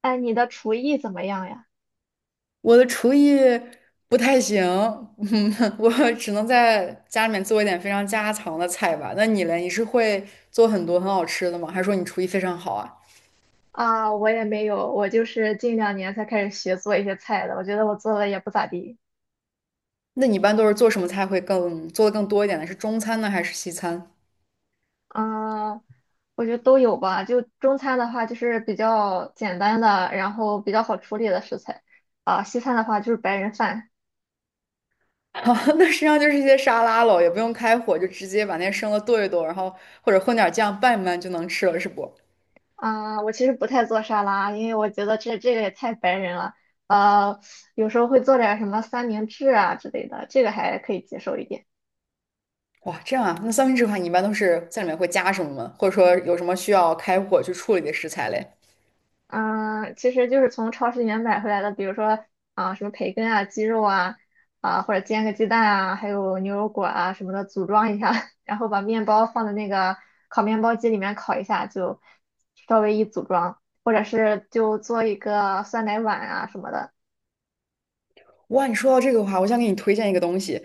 哎，你的厨艺怎么样呀？我的厨艺不太行，我只能在家里面做一点非常家常的菜吧。那你嘞，你是会做很多很好吃的吗？还是说你厨艺非常好啊？啊，我也没有，我就是近两年才开始学做一些菜的，我觉得我做的也不咋地。那你一般都是做什么菜会更做的更多一点呢？是中餐呢，还是西餐？啊，我觉得都有吧。就中餐的话，就是比较简单的，然后比较好处理的食材。啊，西餐的话就是白人饭。哦，那实际上就是一些沙拉喽，也不用开火，就直接把那些生的剁一剁，然后或者混点酱拌一拌就能吃了，是不？啊，我其实不太做沙拉，因为我觉得这个也太白人了。呃，有时候会做点什么三明治啊之类的，这个还可以接受一点。哇，这样啊，那三明治的话，你一般都是在里面会加什么吗？或者说有什么需要开火去处理的食材嘞？嗯，其实就是从超市里面买回来的，比如说啊、什么培根啊、鸡肉啊，啊、或者煎个鸡蛋啊，还有牛油果啊什么的，组装一下，然后把面包放在那个烤面包机里面烤一下，就稍微一组装，或者是就做一个酸奶碗啊什么的。哇，你说到这个的话，我想给你推荐一个东西，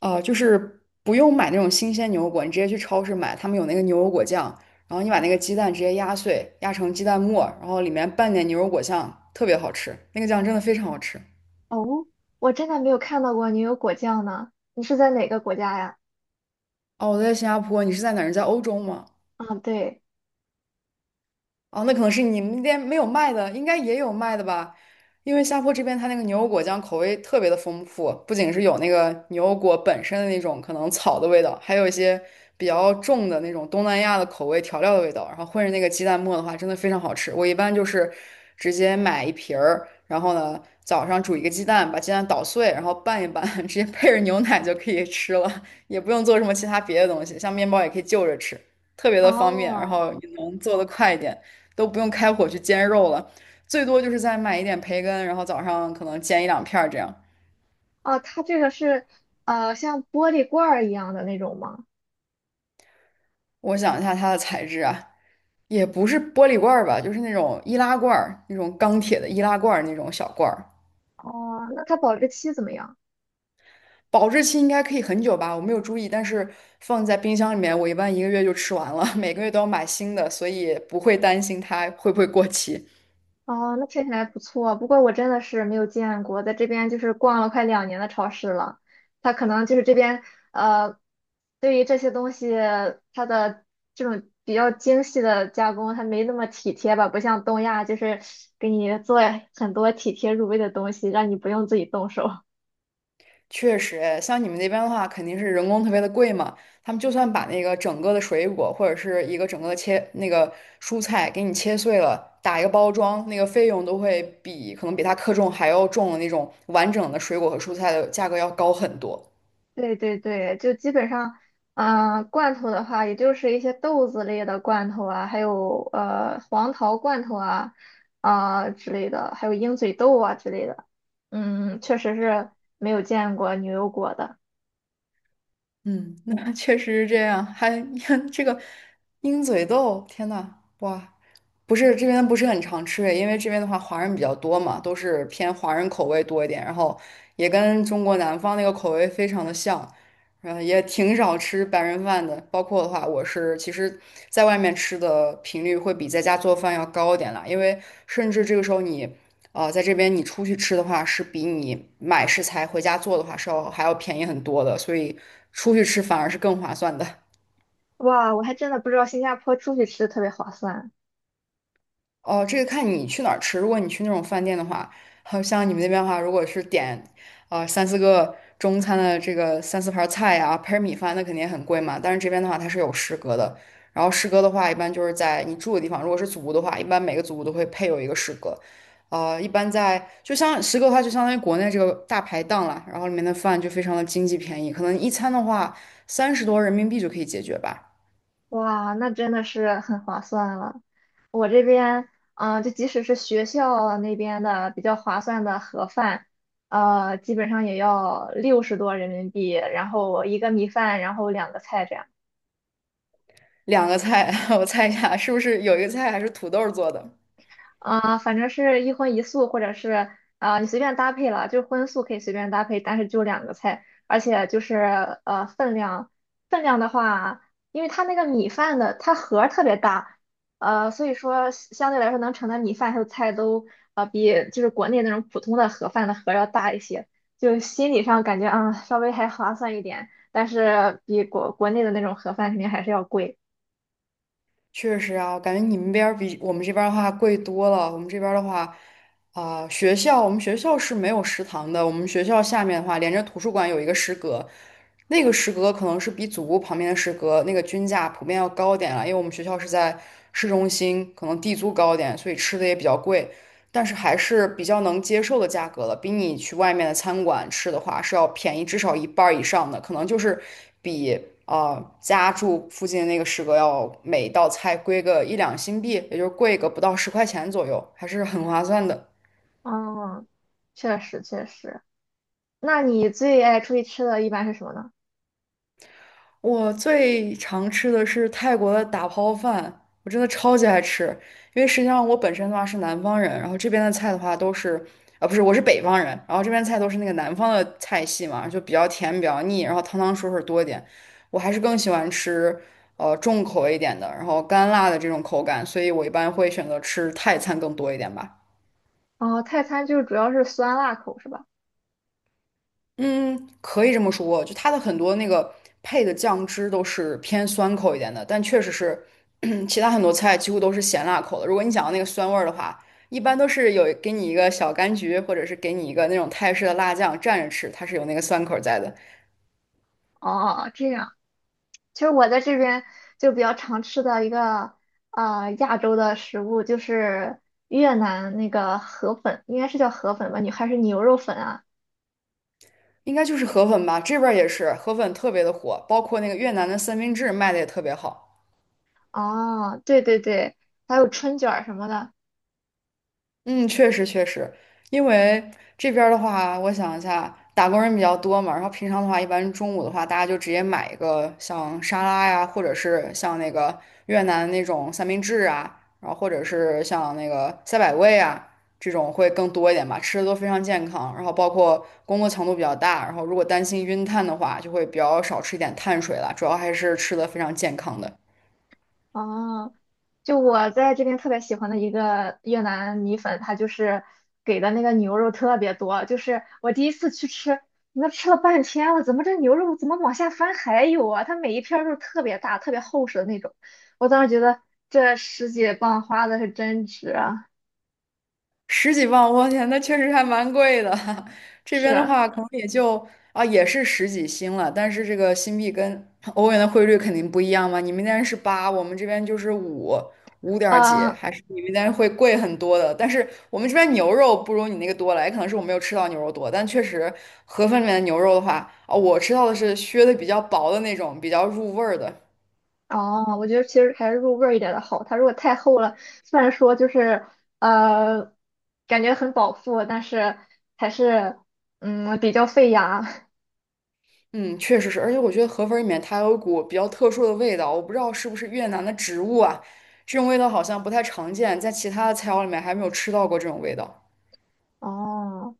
啊，就是不用买那种新鲜牛油果，你直接去超市买，他们有那个牛油果酱，然后你把那个鸡蛋直接压碎，压成鸡蛋沫，然后里面拌点牛油果酱，特别好吃，那个酱真的非常好吃。哦，我真的没有看到过牛油果酱呢。你是在哪个国家呀？哦，我在新加坡，你是在哪儿？你在欧洲吗？啊，对。哦，那可能是你们店没有卖的，应该也有卖的吧？因为下坡这边它那个牛油果酱口味特别的丰富，不仅是有那个牛油果本身的那种可能草的味道，还有一些比较重的那种东南亚的口味调料的味道，然后混着那个鸡蛋沫的话，真的非常好吃。我一般就是直接买一瓶儿，然后呢早上煮一个鸡蛋，把鸡蛋捣碎，然后拌一拌，直接配着牛奶就可以吃了，也不用做什么其他别的东西，像面包也可以就着吃，特别的方便，然哦。后也能做得快一点。都不用开火去煎肉了，最多就是再买一点培根，然后早上可能煎一两片儿这样。哦，它这个是像玻璃罐儿一样的那种吗？我想一下它的材质啊，也不是玻璃罐儿吧，就是那种易拉罐儿，那种钢铁的易拉罐儿那种小罐儿，哦，那它保质期怎么样？保质期应该可以很久吧，我没有注意，但是放在冰箱里面，我一般一个月就吃完了，每个月都要买新的，所以不会担心它会不会过期。哦，那听起来不错。不过我真的是没有见过，在这边就是逛了快两年的超市了，它可能就是这边，呃，对于这些东西它的这种比较精细的加工，它没那么体贴吧，不像东亚就是给你做很多体贴入微的东西，让你不用自己动手。确实，哎像你们那边的话，肯定是人工特别的贵嘛。他们就算把那个整个的水果或者是一个整个的切那个蔬菜给你切碎了，打一个包装，那个费用都会比可能比它克重还要重的那种完整的水果和蔬菜的价格要高很多。对对对，就基本上，嗯、罐头的话，也就是一些豆子类的罐头啊，还有黄桃罐头啊，啊、之类的，还有鹰嘴豆啊之类的。嗯，确实是没有见过牛油果的。嗯，那确实是这样。还 看这个鹰嘴豆，天呐，哇！不是这边不是很常吃诶，因为这边的话华人比较多嘛，都是偏华人口味多一点，然后也跟中国南方那个口味非常的像，嗯，也挺少吃白人饭的。包括的话，我是其实在外面吃的频率会比在家做饭要高一点啦，因为甚至这个时候你，在这边你出去吃的话，是比你买食材回家做的话还要便宜很多的，所以出去吃反而是更划算的。哇，我还真的不知道新加坡出去吃特别划算。哦，这个看你去哪儿吃。如果你去那种饭店的话，好像你们那边的话，如果是点，三四个中餐的这个三四盘儿菜呀、配米饭，那肯定很贵嘛。但是这边的话，它是有食阁的。然后食阁的话，一般就是在你住的地方，如果是祖屋的话，一般每个祖屋都会配有一个食阁。一般在就像食阁的话，就相当于国内这个大排档啦，然后里面的饭就非常的经济便宜，可能一餐的话30多人民币就可以解决吧。哇，那真的是很划算了。我这边，嗯、就即使是学校那边的比较划算的盒饭，基本上也要60多人民币，然后一个米饭，然后两个菜这样。两个菜，我猜一下，是不是有一个菜还是土豆做的？啊、反正是一荤一素，或者是啊，你随便搭配了，就是荤素可以随便搭配，但是就两个菜，而且就是分量，分量的话，因为它那个米饭的它盒儿特别大，所以说相对来说能盛的米饭还有菜都比就是国内那种普通的盒饭的盒要大一些，就心理上感觉啊、稍微还划算一点，但是比国内的那种盒饭肯定还是要贵。确实啊，我感觉你们边儿比我们这边儿的话贵多了。我们这边儿的话，我们学校是没有食堂的。我们学校下面的话，连着图书馆有一个食阁，那个食阁可能是比祖屋旁边的食阁那个均价普遍要高点了，因为我们学校是在市中心，可能地租高点，所以吃的也比较贵。但是还是比较能接受的价格了，比你去外面的餐馆吃的话是要便宜至少一半儿以上的，可能就是比家住附近的那个食阁要每道菜贵个一两新币，也就是贵个不到10块钱左右，还是很划算的。嗯，确实确实。那你最爱出去吃的一般是什么呢？我最常吃的是泰国的打抛饭，我真的超级爱吃。因为实际上我本身的话是南方人，然后这边的菜的话都是，不是，我是北方人，然后这边菜都是那个南方的菜系嘛，就比较甜比较腻，然后汤汤水水多一点。我还是更喜欢吃重口味一点的，然后干辣的这种口感，所以我一般会选择吃泰餐更多一点吧。哦，泰餐就是主要是酸辣口是吧？嗯，可以这么说，就它的很多那个配的酱汁都是偏酸口一点的，但确实是 其他很多菜几乎都是咸辣口的。如果你想要那个酸味儿的话，一般都是有给你一个小柑橘，或者是给你一个那种泰式的辣酱蘸着吃，它是有那个酸口在的。哦，这样。其实我在这边就比较常吃的一个啊亚洲的食物就是越南那个河粉，应该是叫河粉吧？你还是牛肉粉啊？应该就是河粉吧，这边儿也是河粉特别的火，包括那个越南的三明治卖的也特别好。哦，对对对，还有春卷儿什么的。嗯，确实确实，因为这边儿的话，我想一下，打工人比较多嘛，然后平常的话，一般中午的话，大家就直接买一个像沙拉呀，或者是像那个越南那种三明治啊，然后或者是像那个赛百味啊，这种会更多一点吧，吃的都非常健康，然后包括工作强度比较大，然后如果担心晕碳的话，就会比较少吃一点碳水了，主要还是吃的非常健康的。哦，就我在这边特别喜欢的一个越南米粉，它就是给的那个牛肉特别多，就是我第一次去吃，那吃了半天了，怎么这牛肉怎么往下翻还有啊？它每一片儿肉特别大，特别厚实的那种，我当时觉得这十几磅花的是真值啊！十几万，我天，那确实还蛮贵的。这是边的啊。话，可能也就啊，也是十几星了，但是这个新币跟欧元的汇率肯定不一样嘛。你们那边是八，我们这边就是五，五点儿几，呃还是你们那边会贵很多的。但是我们这边牛肉不如你那个多了，也可能是我没有吃到牛肉多，但确实盒饭里面的牛肉的话，啊，我吃到的是削的比较薄的那种，比较入味儿的。哦，我觉得其实还是入味儿一点的好，它如果太厚了，虽然说就是呃感觉很饱腹，但是还是比较费牙。嗯，确实是，而且我觉得河粉儿里面它有一股比较特殊的味道，我不知道是不是越南的植物啊，这种味道好像不太常见，在其他的菜肴里面还没有吃到过这种味道。哦，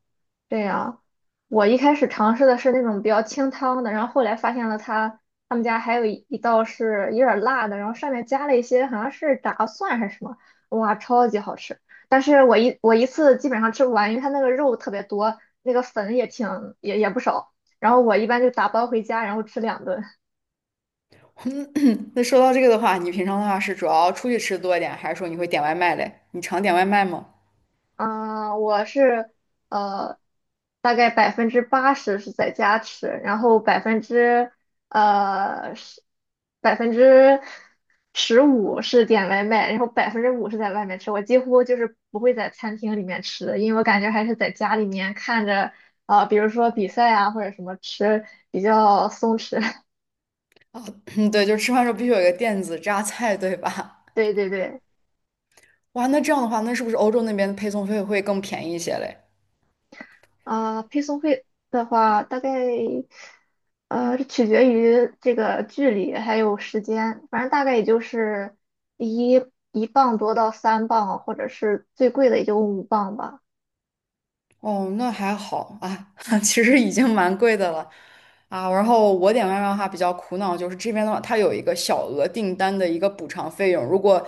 这样。我一开始尝试的是那种比较清汤的，然后后来发现了他们家还有一道是有点儿辣的，然后上面加了一些好像是炸蒜还是什么，哇，超级好吃！但是我一次基本上吃不完，因为它那个肉特别多，那个粉也挺也不少，然后我一般就打包回家，然后吃两顿。那说到这个的话，你平常的话是主要出去吃多一点，还是说你会点外卖嘞？你常点外卖吗？嗯，我是呃，大概80%是在家吃，然后呃十15%是点外卖，然后5%是在外面吃。我几乎就是不会在餐厅里面吃的，因为我感觉还是在家里面看着啊，比如说比赛啊或者什么吃比较松弛。嗯，对，就是吃饭的时候必须有一个电子榨菜，对吧？对对对。哇，那这样的话，那是不是欧洲那边的配送费会更便宜一些嘞？啊、配送费的话，大概取决于这个距离还有时间，反正大概也就是一一磅多到3磅，或者是最贵的也就5磅吧。哦，那还好啊，其实已经蛮贵的了啊。然后我点外卖的话比较苦恼，就是这边的话，它有一个小额订单的一个补偿费用，如果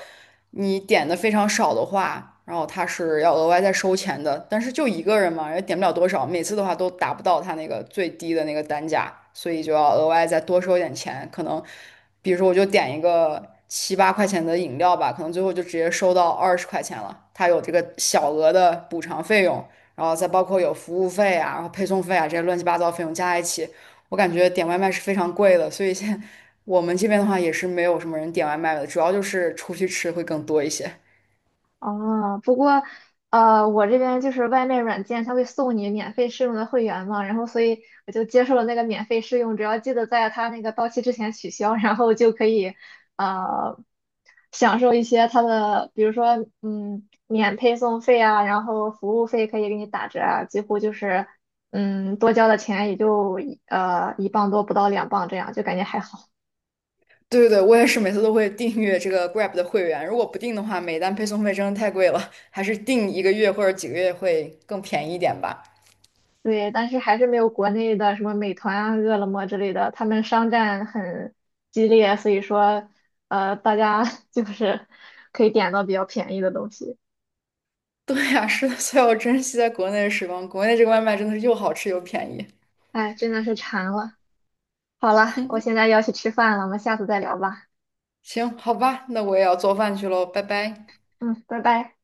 你点的非常少的话，然后它是要额外再收钱的。但是就一个人嘛，也点不了多少，每次的话都达不到它那个最低的那个单价，所以就要额外再多收一点钱。可能比如说我就点一个7、8块钱的饮料吧，可能最后就直接收到20块钱了，它有这个小额的补偿费用。然后再包括有服务费啊，然后配送费啊这些乱七八糟费用加在一起，我感觉点外卖是非常贵的，所以现在我们这边的话也是没有什么人点外卖的，主要就是出去吃会更多一些。哦，不过，我这边就是外卖软件，它会送你免费试用的会员嘛，然后所以我就接受了那个免费试用，只要记得在它那个到期之前取消，然后就可以，呃，享受一些它的，比如说，嗯，免配送费啊，然后服务费可以给你打折啊，几乎就是，嗯，多交的钱也就一磅多不到2磅这样，就感觉还好。对对对，我也是每次都会订阅这个 Grab 的会员，如果不定的话，每单配送费真的太贵了，还是订一个月或者几个月会更便宜一点吧。对，但是还是没有国内的什么美团啊、饿了么之类的，他们商战很激烈，所以说，大家 就是可以点到比较便宜的东西。对呀，是的，所以我珍惜在国内的时光，国内这个外卖真的是又好吃又便宜。哎，真的是馋了。好了，我现在要去吃饭了，我们下次再聊吧。行，好吧，那我也要做饭去喽，拜拜。嗯，拜拜。